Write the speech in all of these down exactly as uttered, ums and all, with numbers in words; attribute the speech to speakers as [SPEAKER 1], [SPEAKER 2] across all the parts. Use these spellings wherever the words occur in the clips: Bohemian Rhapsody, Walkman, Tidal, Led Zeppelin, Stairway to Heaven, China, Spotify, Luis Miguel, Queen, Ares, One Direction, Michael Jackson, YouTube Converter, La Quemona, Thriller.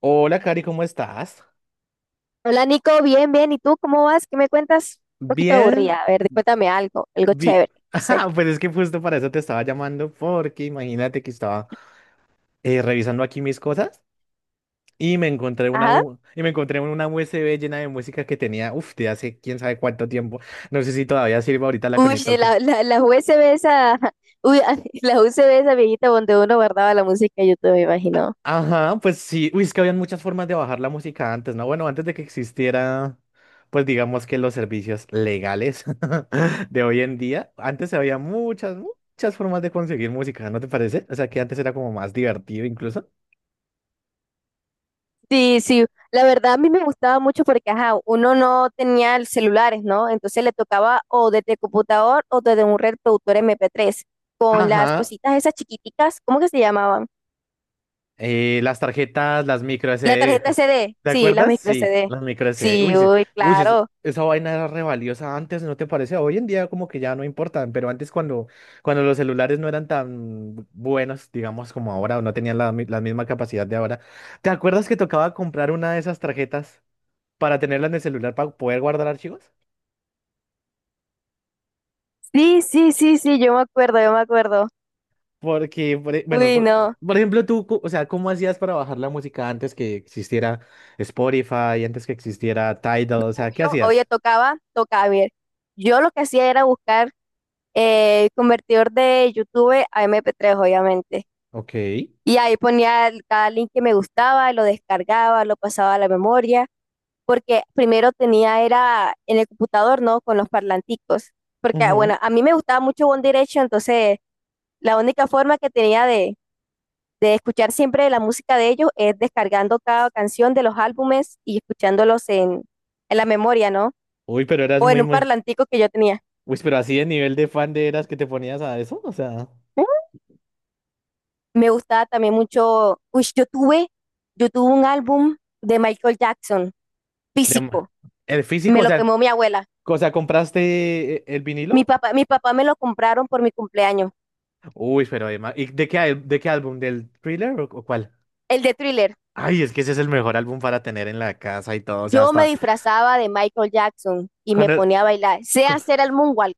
[SPEAKER 1] Hola, Cari, ¿cómo estás?
[SPEAKER 2] Hola Nico, bien, bien. ¿Y tú cómo vas? ¿Qué me cuentas? Un poquito
[SPEAKER 1] Bien,
[SPEAKER 2] aburrida. A ver, cuéntame algo, algo
[SPEAKER 1] bien.
[SPEAKER 2] chévere, no sé.
[SPEAKER 1] Ah, pues es que justo para eso te estaba llamando, porque imagínate que estaba eh, revisando aquí mis cosas y me encontré una
[SPEAKER 2] Ajá.
[SPEAKER 1] U- y me encontré una U S B llena de música que tenía, uff, de hace quién sabe cuánto tiempo. No sé si todavía sirve, ahorita la
[SPEAKER 2] Uy,
[SPEAKER 1] conecto al.
[SPEAKER 2] sí, la, la, la U S B esa, uy, ah, la U S B esa viejita donde uno guardaba la música de YouTube, me imagino.
[SPEAKER 1] Ajá, pues sí. Uy, es que habían muchas formas de bajar la música antes, ¿no? Bueno, antes de que existiera, pues digamos que los servicios legales de hoy en día, antes había muchas, muchas formas de conseguir música, ¿no te parece? O sea, que antes era como más divertido incluso.
[SPEAKER 2] Sí, sí. La verdad a mí me gustaba mucho porque, ajá, uno no tenía el celulares, ¿no? Entonces le tocaba o desde el computador o desde un reproductor M P tres con las
[SPEAKER 1] Ajá,
[SPEAKER 2] cositas esas chiquiticas, ¿cómo que se llamaban?
[SPEAKER 1] Eh, las tarjetas, las micro
[SPEAKER 2] La
[SPEAKER 1] S D.
[SPEAKER 2] tarjeta
[SPEAKER 1] ¿Te
[SPEAKER 2] C D,
[SPEAKER 1] te
[SPEAKER 2] sí, la
[SPEAKER 1] acuerdas?
[SPEAKER 2] micro
[SPEAKER 1] Sí,
[SPEAKER 2] C D.
[SPEAKER 1] las micro S D.
[SPEAKER 2] Sí,
[SPEAKER 1] Uy, sí.
[SPEAKER 2] uy,
[SPEAKER 1] Uy, sí, es-
[SPEAKER 2] claro.
[SPEAKER 1] esa vaina era re valiosa antes, ¿no te parece? Hoy en día como que ya no importan, pero antes cuando, cuando los celulares no eran tan buenos, digamos, como ahora, o no tenían la, mi- la misma capacidad de ahora. ¿Te acuerdas que tocaba comprar una de esas tarjetas para tenerla en el celular para poder guardar archivos?
[SPEAKER 2] Sí, sí, sí, sí, yo me acuerdo, yo me acuerdo.
[SPEAKER 1] Porque, por e- bueno,
[SPEAKER 2] Uy,
[SPEAKER 1] por,
[SPEAKER 2] no.
[SPEAKER 1] por ejemplo, tú, co- o sea, ¿cómo hacías para bajar la música antes que existiera Spotify, antes que existiera Tidal? O sea, ¿qué
[SPEAKER 2] Obvio, oye,
[SPEAKER 1] hacías?
[SPEAKER 2] tocaba, tocaba, ver. Yo lo que hacía era buscar eh, convertidor de YouTube a mp tres, obviamente.
[SPEAKER 1] Ok.
[SPEAKER 2] Y ahí ponía el- cada link que me gustaba, lo descargaba, lo pasaba a la memoria, porque primero tenía era en el computador, ¿no? Con los parlanticos. Porque, bueno,
[SPEAKER 1] Ujú.
[SPEAKER 2] a mí me gustaba mucho One Direction, entonces la única forma que tenía de, de escuchar siempre la música de ellos es descargando cada canción de los álbumes y escuchándolos en, en la memoria, ¿no?
[SPEAKER 1] Uy, pero eras
[SPEAKER 2] O en
[SPEAKER 1] muy,
[SPEAKER 2] un
[SPEAKER 1] muy...
[SPEAKER 2] parlantico que yo tenía.
[SPEAKER 1] Uy, pero así de nivel de fan de eras que te ponías a eso, o sea...
[SPEAKER 2] Me gustaba también mucho, uy, yo tuve, yo tuve un álbum de Michael Jackson,
[SPEAKER 1] de ma-
[SPEAKER 2] físico,
[SPEAKER 1] El físico,
[SPEAKER 2] me
[SPEAKER 1] o
[SPEAKER 2] lo
[SPEAKER 1] sea,
[SPEAKER 2] quemó mi abuela.
[SPEAKER 1] o sea, ¿compraste e- el
[SPEAKER 2] Mi
[SPEAKER 1] vinilo?
[SPEAKER 2] papá, mi papá me lo compraron por mi cumpleaños,
[SPEAKER 1] Uy, pero además... ¿Y de qué, al- de qué álbum? ¿Del Thriller o, o cuál?
[SPEAKER 2] el de Thriller.
[SPEAKER 1] Ay, es que ese es el mejor álbum para tener en la casa y todo, o sea,
[SPEAKER 2] Yo me
[SPEAKER 1] hasta...
[SPEAKER 2] disfrazaba de Michael Jackson y me
[SPEAKER 1] Cuando...
[SPEAKER 2] ponía a bailar. Sé hacer el moonwalk,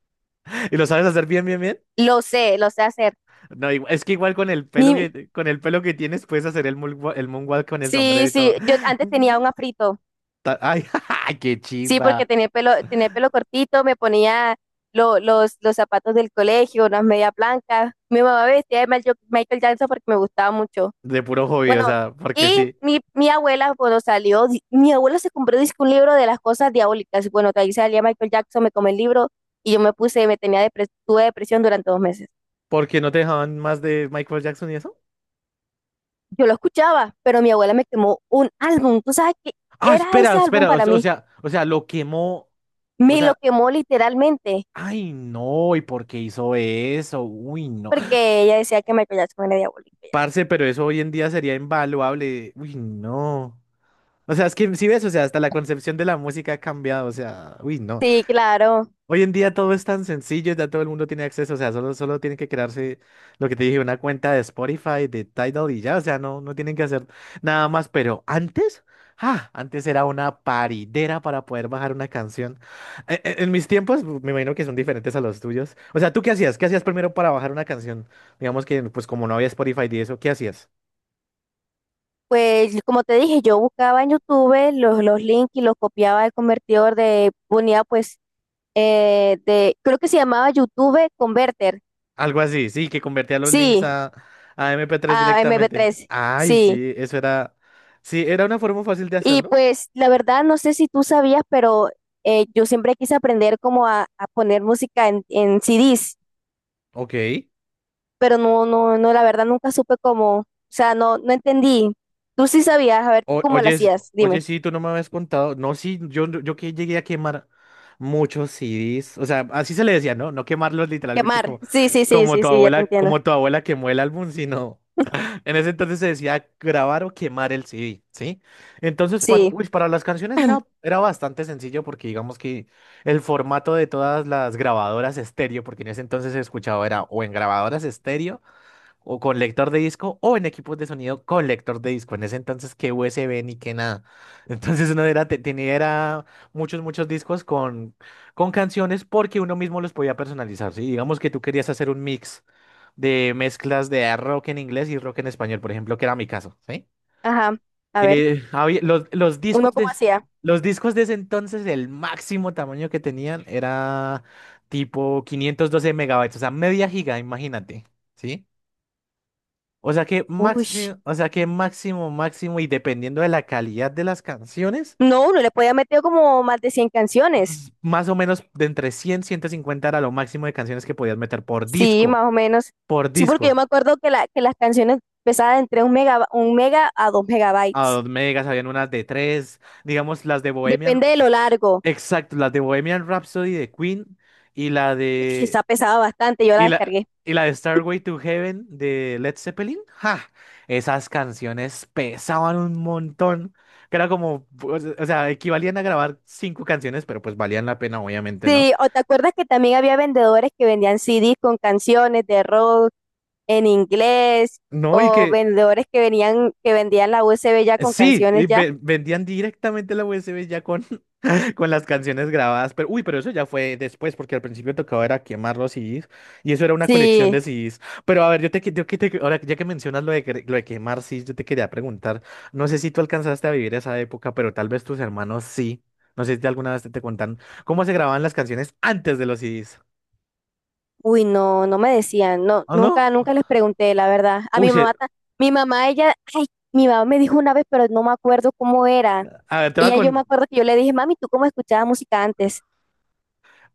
[SPEAKER 1] ¿Y lo sabes hacer bien, bien, bien?
[SPEAKER 2] lo sé, lo sé hacer.
[SPEAKER 1] No, igu- es que igual con el pelo
[SPEAKER 2] Mi,
[SPEAKER 1] que con el pelo que tienes puedes hacer el moonwa- el moonwalk con el sombrero
[SPEAKER 2] sí,
[SPEAKER 1] y todo.
[SPEAKER 2] sí, yo antes tenía un afrito.
[SPEAKER 1] Ta- Ay, qué
[SPEAKER 2] Sí, porque
[SPEAKER 1] chiva.
[SPEAKER 2] tenía pelo, tenía pelo cortito, me ponía lo- los, los zapatos del colegio, unas medias blancas. Mi mamá me vestía de Michael Michael Jackson porque me gustaba mucho.
[SPEAKER 1] De puro hobby, o
[SPEAKER 2] Bueno,
[SPEAKER 1] sea, porque
[SPEAKER 2] y
[SPEAKER 1] sí.
[SPEAKER 2] mi, mi abuela cuando salió, di- mi abuela se compró dizque un libro de las cosas diabólicas. Y bueno, que ahí salía Michael Jackson, me comí el libro y yo me puse, me tenía depres- tuve depresión durante dos meses.
[SPEAKER 1] ¿Porque no te dejaban más de Michael Jackson y eso?
[SPEAKER 2] Yo lo escuchaba, pero mi abuela me quemó un álbum. ¿Tú sabes qué
[SPEAKER 1] Ah,
[SPEAKER 2] era
[SPEAKER 1] espera,
[SPEAKER 2] ese álbum
[SPEAKER 1] espera, o,
[SPEAKER 2] para
[SPEAKER 1] o
[SPEAKER 2] mí?
[SPEAKER 1] sea, o sea, lo quemó. O
[SPEAKER 2] Me lo
[SPEAKER 1] sea,
[SPEAKER 2] quemó literalmente
[SPEAKER 1] ay, no, ¿y por qué hizo eso? Uy, no.
[SPEAKER 2] porque ella decía que Michael Jackson era diabólico.
[SPEAKER 1] Parce, pero eso hoy en día sería invaluable. Uy, no. O sea, es que si ves, o sea, hasta la concepción de la música ha cambiado, o sea, uy, no.
[SPEAKER 2] Sí, claro.
[SPEAKER 1] Hoy en día todo es tan sencillo, ya todo el mundo tiene acceso, o sea, solo, solo tienen que crearse lo que te dije, una cuenta de Spotify, de Tidal y ya, o sea, no, no tienen que hacer nada más, pero antes, ah, antes era una paridera para poder bajar una canción. E- e- En mis tiempos, me imagino que son diferentes a los tuyos. O sea, ¿tú qué hacías? ¿Qué hacías primero para bajar una canción? Digamos que, pues como no había Spotify y eso, ¿qué hacías?
[SPEAKER 2] Pues como te dije, yo buscaba en YouTube los, los links y los copiaba del convertidor de, ponía pues, eh, de, creo que se llamaba YouTube Converter.
[SPEAKER 1] Algo así, sí, que convertía los links
[SPEAKER 2] Sí,
[SPEAKER 1] a, a mp tres
[SPEAKER 2] a mp
[SPEAKER 1] directamente.
[SPEAKER 2] tres.
[SPEAKER 1] Ay,
[SPEAKER 2] Sí.
[SPEAKER 1] sí, eso era, sí, era una forma fácil de
[SPEAKER 2] Y
[SPEAKER 1] hacerlo.
[SPEAKER 2] pues la verdad no sé si tú sabías, pero eh, yo siempre quise aprender como a, a poner música en, en C Ds,
[SPEAKER 1] Ok.
[SPEAKER 2] pero no, no, no, la verdad nunca supe cómo, o sea, no, no entendí. Tú sí sabías, a ver, ¿tú
[SPEAKER 1] O-
[SPEAKER 2] cómo lo
[SPEAKER 1] oye, s-
[SPEAKER 2] hacías?
[SPEAKER 1] oye,
[SPEAKER 2] Dime.
[SPEAKER 1] sí, tú no me habías contado. No, sí, yo, yo que llegué a quemar muchos C Ds. O sea, así se le decía, ¿no? No quemarlos literalmente
[SPEAKER 2] Quemar.
[SPEAKER 1] como,
[SPEAKER 2] Sí, sí, sí,
[SPEAKER 1] como
[SPEAKER 2] sí,
[SPEAKER 1] tu
[SPEAKER 2] sí, ya te
[SPEAKER 1] abuela,
[SPEAKER 2] entiendo.
[SPEAKER 1] como tu abuela quemó el álbum, sino. En ese entonces se decía grabar o quemar el C D, ¿sí? Entonces, para,
[SPEAKER 2] Sí.
[SPEAKER 1] uy, para las canciones era, era bastante sencillo porque digamos que el formato de todas las grabadoras estéreo, porque en ese entonces se escuchaba era o en grabadoras estéreo o con lector de disco o en equipos de sonido con lector de disco. En ese entonces, que U S B ni que nada. Entonces uno era, te- tenía era muchos, muchos discos con, con canciones porque uno mismo los podía personalizar. ¿Sí? Digamos que tú querías hacer un mix de mezclas de rock en inglés y rock en español, por ejemplo, que era mi caso. ¿Sí?
[SPEAKER 2] Ajá, a ver,
[SPEAKER 1] Eh, había- los, los discos
[SPEAKER 2] ¿uno cómo
[SPEAKER 1] de,
[SPEAKER 2] hacía?
[SPEAKER 1] los discos de ese entonces, el máximo tamaño que tenían era tipo quinientos doce megabytes, o sea, media giga, imagínate. ¿Sí? O sea que
[SPEAKER 2] Uy,
[SPEAKER 1] máximo, o sea que máximo, máximo, y dependiendo de la calidad de las canciones,
[SPEAKER 2] no, uno le podía meter como más de cien canciones.
[SPEAKER 1] s- más o menos de entre cien ciento cincuenta era lo máximo de canciones que podías meter por
[SPEAKER 2] Sí,
[SPEAKER 1] disco,
[SPEAKER 2] más o menos.
[SPEAKER 1] por
[SPEAKER 2] Sí, porque yo
[SPEAKER 1] disco.
[SPEAKER 2] me acuerdo que, la, que las canciones pesaban entre un mega, un mega a dos
[SPEAKER 1] A
[SPEAKER 2] megabytes.
[SPEAKER 1] dos megas habían unas de tres, digamos las de Bohemian,
[SPEAKER 2] Depende de lo largo.
[SPEAKER 1] exacto, las de Bohemian Rhapsody de Queen y la
[SPEAKER 2] Uy,
[SPEAKER 1] de
[SPEAKER 2] esa pesaba bastante, yo la
[SPEAKER 1] Y la,
[SPEAKER 2] descargué.
[SPEAKER 1] y la de Starway to Heaven de Led Zeppelin, ¡ja! Esas canciones pesaban un montón, que era como, pues, o sea, equivalían a grabar cinco canciones, pero pues valían la pena, obviamente, ¿no?
[SPEAKER 2] Sí, o te acuerdas que también había vendedores que vendían C Ds con canciones de rock en inglés,
[SPEAKER 1] No, y
[SPEAKER 2] o
[SPEAKER 1] que
[SPEAKER 2] vendedores que venían, que vendían la U S B ya con
[SPEAKER 1] sí,
[SPEAKER 2] canciones
[SPEAKER 1] y
[SPEAKER 2] ya.
[SPEAKER 1] ve- vendían directamente la U S B ya con, con las canciones grabadas, pero uy, pero eso ya fue después, porque al principio tocaba era quemar los C Ds, y eso era una colección
[SPEAKER 2] Sí.
[SPEAKER 1] de C Ds. Pero a ver, yo te, que- yo que te- ahora ya que mencionas lo de, que- lo de quemar C Ds, yo te quería preguntar, no sé si tú alcanzaste a vivir esa época, pero tal vez tus hermanos sí. No sé si alguna vez te, te contaron cómo se grababan las canciones antes de los C Ds.
[SPEAKER 2] Uy, no, no me decían, no,
[SPEAKER 1] ¿O no?
[SPEAKER 2] nunca, nunca les pregunté, la verdad. A
[SPEAKER 1] Uy,
[SPEAKER 2] mi
[SPEAKER 1] se-
[SPEAKER 2] mamá, ta- mi mamá, ella, ay, mi mamá me dijo una vez, pero no me acuerdo cómo era.
[SPEAKER 1] a ver, te va
[SPEAKER 2] Ella, yo me
[SPEAKER 1] con.
[SPEAKER 2] acuerdo que yo le dije, mami, ¿tú cómo escuchabas música antes?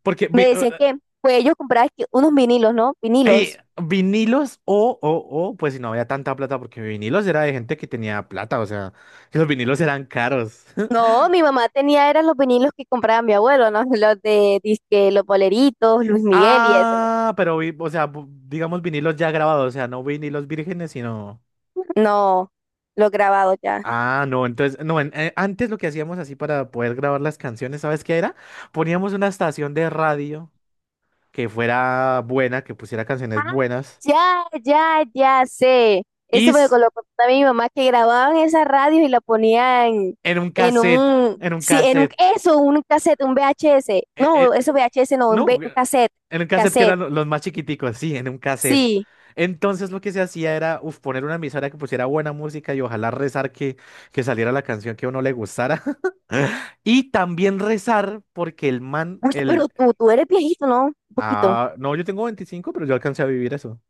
[SPEAKER 1] Porque
[SPEAKER 2] Me
[SPEAKER 1] vi-
[SPEAKER 2] decían
[SPEAKER 1] eh,
[SPEAKER 2] que, pues ellos compraban que unos vinilos, ¿no?
[SPEAKER 1] eh,
[SPEAKER 2] Vinilos.
[SPEAKER 1] vinilos o, o, o, pues si no había tanta plata, porque vinilos era de gente que tenía plata, o sea, que los vinilos eran caros.
[SPEAKER 2] No, mi mamá tenía, eran los vinilos que compraba mi abuelo, ¿no? Los de, disque, los boleritos, Luis Miguel y eso,
[SPEAKER 1] Ah, pero vi, o sea, bu- digamos vinilos ya grabados, o sea, no vinilos vírgenes, sino.
[SPEAKER 2] ¿no? No, los grabados ya.
[SPEAKER 1] Ah, no, entonces, no, en- eh, antes lo que hacíamos así para poder grabar las canciones, ¿sabes qué era? Poníamos una estación de radio que fuera buena, que pusiera canciones
[SPEAKER 2] Ah,
[SPEAKER 1] buenas,
[SPEAKER 2] ya, ya, ya sé.
[SPEAKER 1] y
[SPEAKER 2] Eso me lo
[SPEAKER 1] s-
[SPEAKER 2] contaba mi mamá que grababan esas radios y la ponían
[SPEAKER 1] en un
[SPEAKER 2] en
[SPEAKER 1] cassette,
[SPEAKER 2] un,
[SPEAKER 1] en un
[SPEAKER 2] sí, en un,
[SPEAKER 1] cassette.
[SPEAKER 2] eso, un cassette, un V H S.
[SPEAKER 1] e,
[SPEAKER 2] No,
[SPEAKER 1] e,
[SPEAKER 2] eso V H S no, un, ve-
[SPEAKER 1] No,
[SPEAKER 2] un
[SPEAKER 1] eh,
[SPEAKER 2] cassette,
[SPEAKER 1] en un cassette que
[SPEAKER 2] cassette,
[SPEAKER 1] eran lo- los más chiquiticos, sí, en un cassette.
[SPEAKER 2] sí.
[SPEAKER 1] Entonces lo que se hacía era uf, poner una emisora que pusiera buena música y ojalá rezar que, que, saliera la canción que a uno le gustara. Y también rezar porque el man,
[SPEAKER 2] Uy, pero
[SPEAKER 1] el...
[SPEAKER 2] tú, tú eres viejito, ¿no? Un poquito.
[SPEAKER 1] Ah, no, yo tengo veinticinco pero yo alcancé a vivir eso.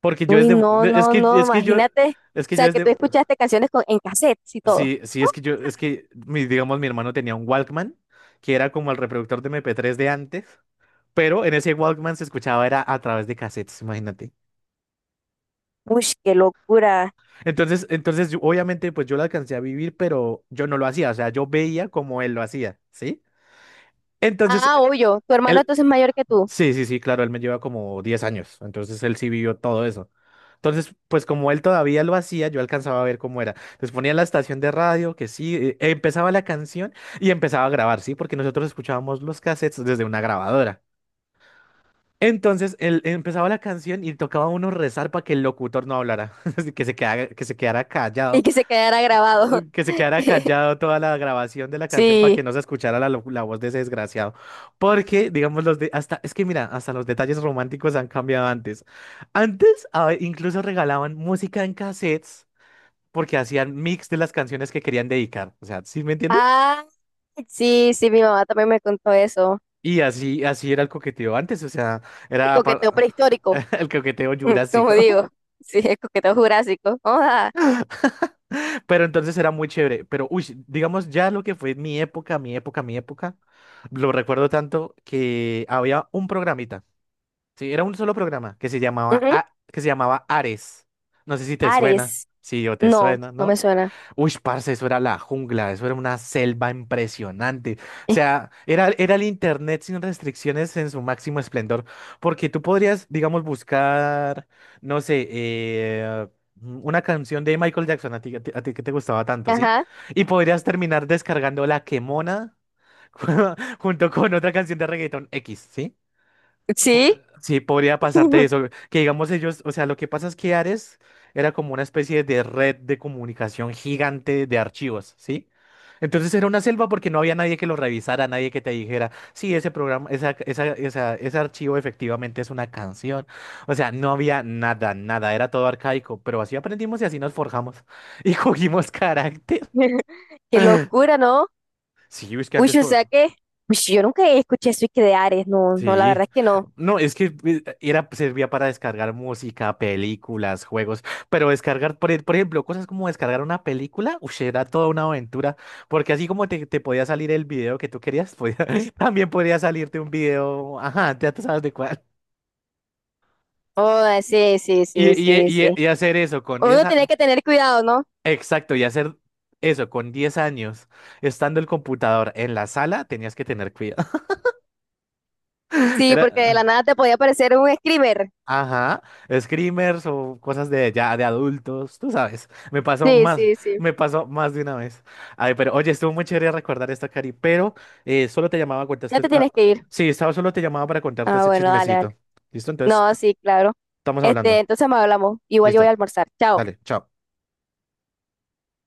[SPEAKER 1] Porque yo
[SPEAKER 2] Uy,
[SPEAKER 1] desde...
[SPEAKER 2] no,
[SPEAKER 1] de- Es
[SPEAKER 2] no,
[SPEAKER 1] que,
[SPEAKER 2] no,
[SPEAKER 1] es que yo...
[SPEAKER 2] imagínate.
[SPEAKER 1] Es
[SPEAKER 2] O
[SPEAKER 1] que yo
[SPEAKER 2] sea, que
[SPEAKER 1] desde...
[SPEAKER 2] tú escuchaste canciones con, en cassette y todo.
[SPEAKER 1] Sí, sí,
[SPEAKER 2] ¿No?
[SPEAKER 1] es que yo... Es que, mi, digamos, mi hermano tenía un Walkman, que era como el reproductor de mp tres de antes. Pero en ese Walkman se escuchaba era a través de cassettes, imagínate.
[SPEAKER 2] Uy, qué locura.
[SPEAKER 1] Entonces, entonces yo- obviamente pues yo lo alcancé a vivir, pero yo no lo hacía, o sea, yo veía como él lo hacía, ¿sí? Entonces,
[SPEAKER 2] Ah,
[SPEAKER 1] eh,
[SPEAKER 2] obvio, tu hermano
[SPEAKER 1] él,
[SPEAKER 2] entonces es mayor que tú
[SPEAKER 1] sí, sí, sí, claro, él me lleva como diez años, entonces él sí vivió todo eso. Entonces, pues como él todavía lo hacía, yo alcanzaba a ver cómo era. Entonces ponía la estación de radio, que sí, eh, empezaba la canción y empezaba a grabar, ¿sí? Porque nosotros escuchábamos los cassettes desde una grabadora. Entonces él empezaba la canción y tocaba a uno rezar para que el locutor no hablara, así que se quedara, que se quedara
[SPEAKER 2] y
[SPEAKER 1] callado,
[SPEAKER 2] que se quedara grabado.
[SPEAKER 1] eh, que se quedara callado toda la grabación de la canción para que
[SPEAKER 2] Sí.
[SPEAKER 1] no se escuchara la, lo- la voz de ese desgraciado. Porque, digamos, los de, hasta, es que mira, hasta los detalles románticos han cambiado antes. Antes a ve- incluso regalaban música en cassettes porque hacían mix de las canciones que querían dedicar. O sea, ¿sí me entiendes?
[SPEAKER 2] Ah, sí, sí, mi mamá también me contó eso.
[SPEAKER 1] Y así, así era el coqueteo antes, o sea,
[SPEAKER 2] Y
[SPEAKER 1] era
[SPEAKER 2] coqueteo
[SPEAKER 1] para-
[SPEAKER 2] prehistórico,
[SPEAKER 1] el coqueteo
[SPEAKER 2] como
[SPEAKER 1] jurásico.
[SPEAKER 2] digo. Sí, es coqueteo jurásico. Oda.
[SPEAKER 1] Pero entonces era muy chévere. Pero, uy, digamos ya lo que fue mi época, mi época, mi época, lo recuerdo tanto que había un programita. Sí, era un solo programa que se llamaba,
[SPEAKER 2] Ujú.
[SPEAKER 1] A- que se llamaba Ares. No sé si te suena,
[SPEAKER 2] Ares.
[SPEAKER 1] si yo te
[SPEAKER 2] No,
[SPEAKER 1] suena,
[SPEAKER 2] no me
[SPEAKER 1] ¿no?
[SPEAKER 2] suena.
[SPEAKER 1] Uy, parce, eso era la jungla, eso era una selva impresionante. O sea, era, era el internet sin restricciones en su máximo esplendor, porque tú podrías, digamos, buscar, no sé, eh, una canción de Michael Jackson, a ti, a ti- a ti que te gustaba tanto,
[SPEAKER 2] Eh,
[SPEAKER 1] ¿sí?
[SPEAKER 2] Ajá.
[SPEAKER 1] Y podrías terminar descargando La Quemona junto con otra canción de reggaeton X, ¿sí?
[SPEAKER 2] Sí.
[SPEAKER 1] Sí, podría pasarte eso. Que digamos ellos, o sea, lo que pasa es que Ares era como una especie de red de comunicación gigante de archivos, ¿sí? Entonces era una selva porque no había nadie que lo revisara, nadie que te dijera, sí, ese programa, esa, esa, esa- ese archivo efectivamente es una canción. O sea, no había nada, nada, era todo arcaico, pero así aprendimos y así nos forjamos y cogimos carácter.
[SPEAKER 2] Qué locura, ¿no?
[SPEAKER 1] Sí, es que
[SPEAKER 2] Uy,
[SPEAKER 1] antes
[SPEAKER 2] o sea
[SPEAKER 1] todo.
[SPEAKER 2] que. Uy, sí, yo nunca escuché eso y que de Ares. No, no, la
[SPEAKER 1] Sí,
[SPEAKER 2] verdad es que no.
[SPEAKER 1] no, es que eh, era, servía para descargar música, películas, juegos, pero descargar, por, e- por ejemplo, cosas como descargar una película, ush, era toda una aventura, porque así como te, te podía salir el video que tú querías, podía- también podía salirte un video, ajá, ya tú sabes de cuál.
[SPEAKER 2] Oda, sí, sí,
[SPEAKER 1] Y,
[SPEAKER 2] sí,
[SPEAKER 1] y, e,
[SPEAKER 2] sí,
[SPEAKER 1] y, e,
[SPEAKER 2] sí.
[SPEAKER 1] y hacer eso con diez
[SPEAKER 2] Uno tenía
[SPEAKER 1] años,
[SPEAKER 2] que tener cuidado, ¿no?
[SPEAKER 1] exacto, y hacer eso con diez años, estando el computador en la sala, tenías que tener cuidado.
[SPEAKER 2] Sí,
[SPEAKER 1] Era.
[SPEAKER 2] porque de la nada te podía aparecer un screamer.
[SPEAKER 1] Ajá, screamers o cosas de ya de adultos, tú sabes. Me pasó
[SPEAKER 2] Sí,
[SPEAKER 1] más,
[SPEAKER 2] sí, sí.
[SPEAKER 1] me pasó más de una vez. Ay, pero oye, estuvo muy chévere recordar esta, Cari, pero eh, solo te llamaba a
[SPEAKER 2] Ya
[SPEAKER 1] contarte.
[SPEAKER 2] te
[SPEAKER 1] ah,
[SPEAKER 2] tienes que ir.
[SPEAKER 1] sí, estaba solo te llamaba para contarte
[SPEAKER 2] Ah,
[SPEAKER 1] ese
[SPEAKER 2] bueno, dale,
[SPEAKER 1] chismecito.
[SPEAKER 2] dale.
[SPEAKER 1] ¿Listo? Entonces
[SPEAKER 2] No,
[SPEAKER 1] t-
[SPEAKER 2] sí, claro.
[SPEAKER 1] estamos hablando.
[SPEAKER 2] Este, entonces me hablamos. Igual yo voy a
[SPEAKER 1] Listo.
[SPEAKER 2] almorzar. Chao.
[SPEAKER 1] Dale, chao.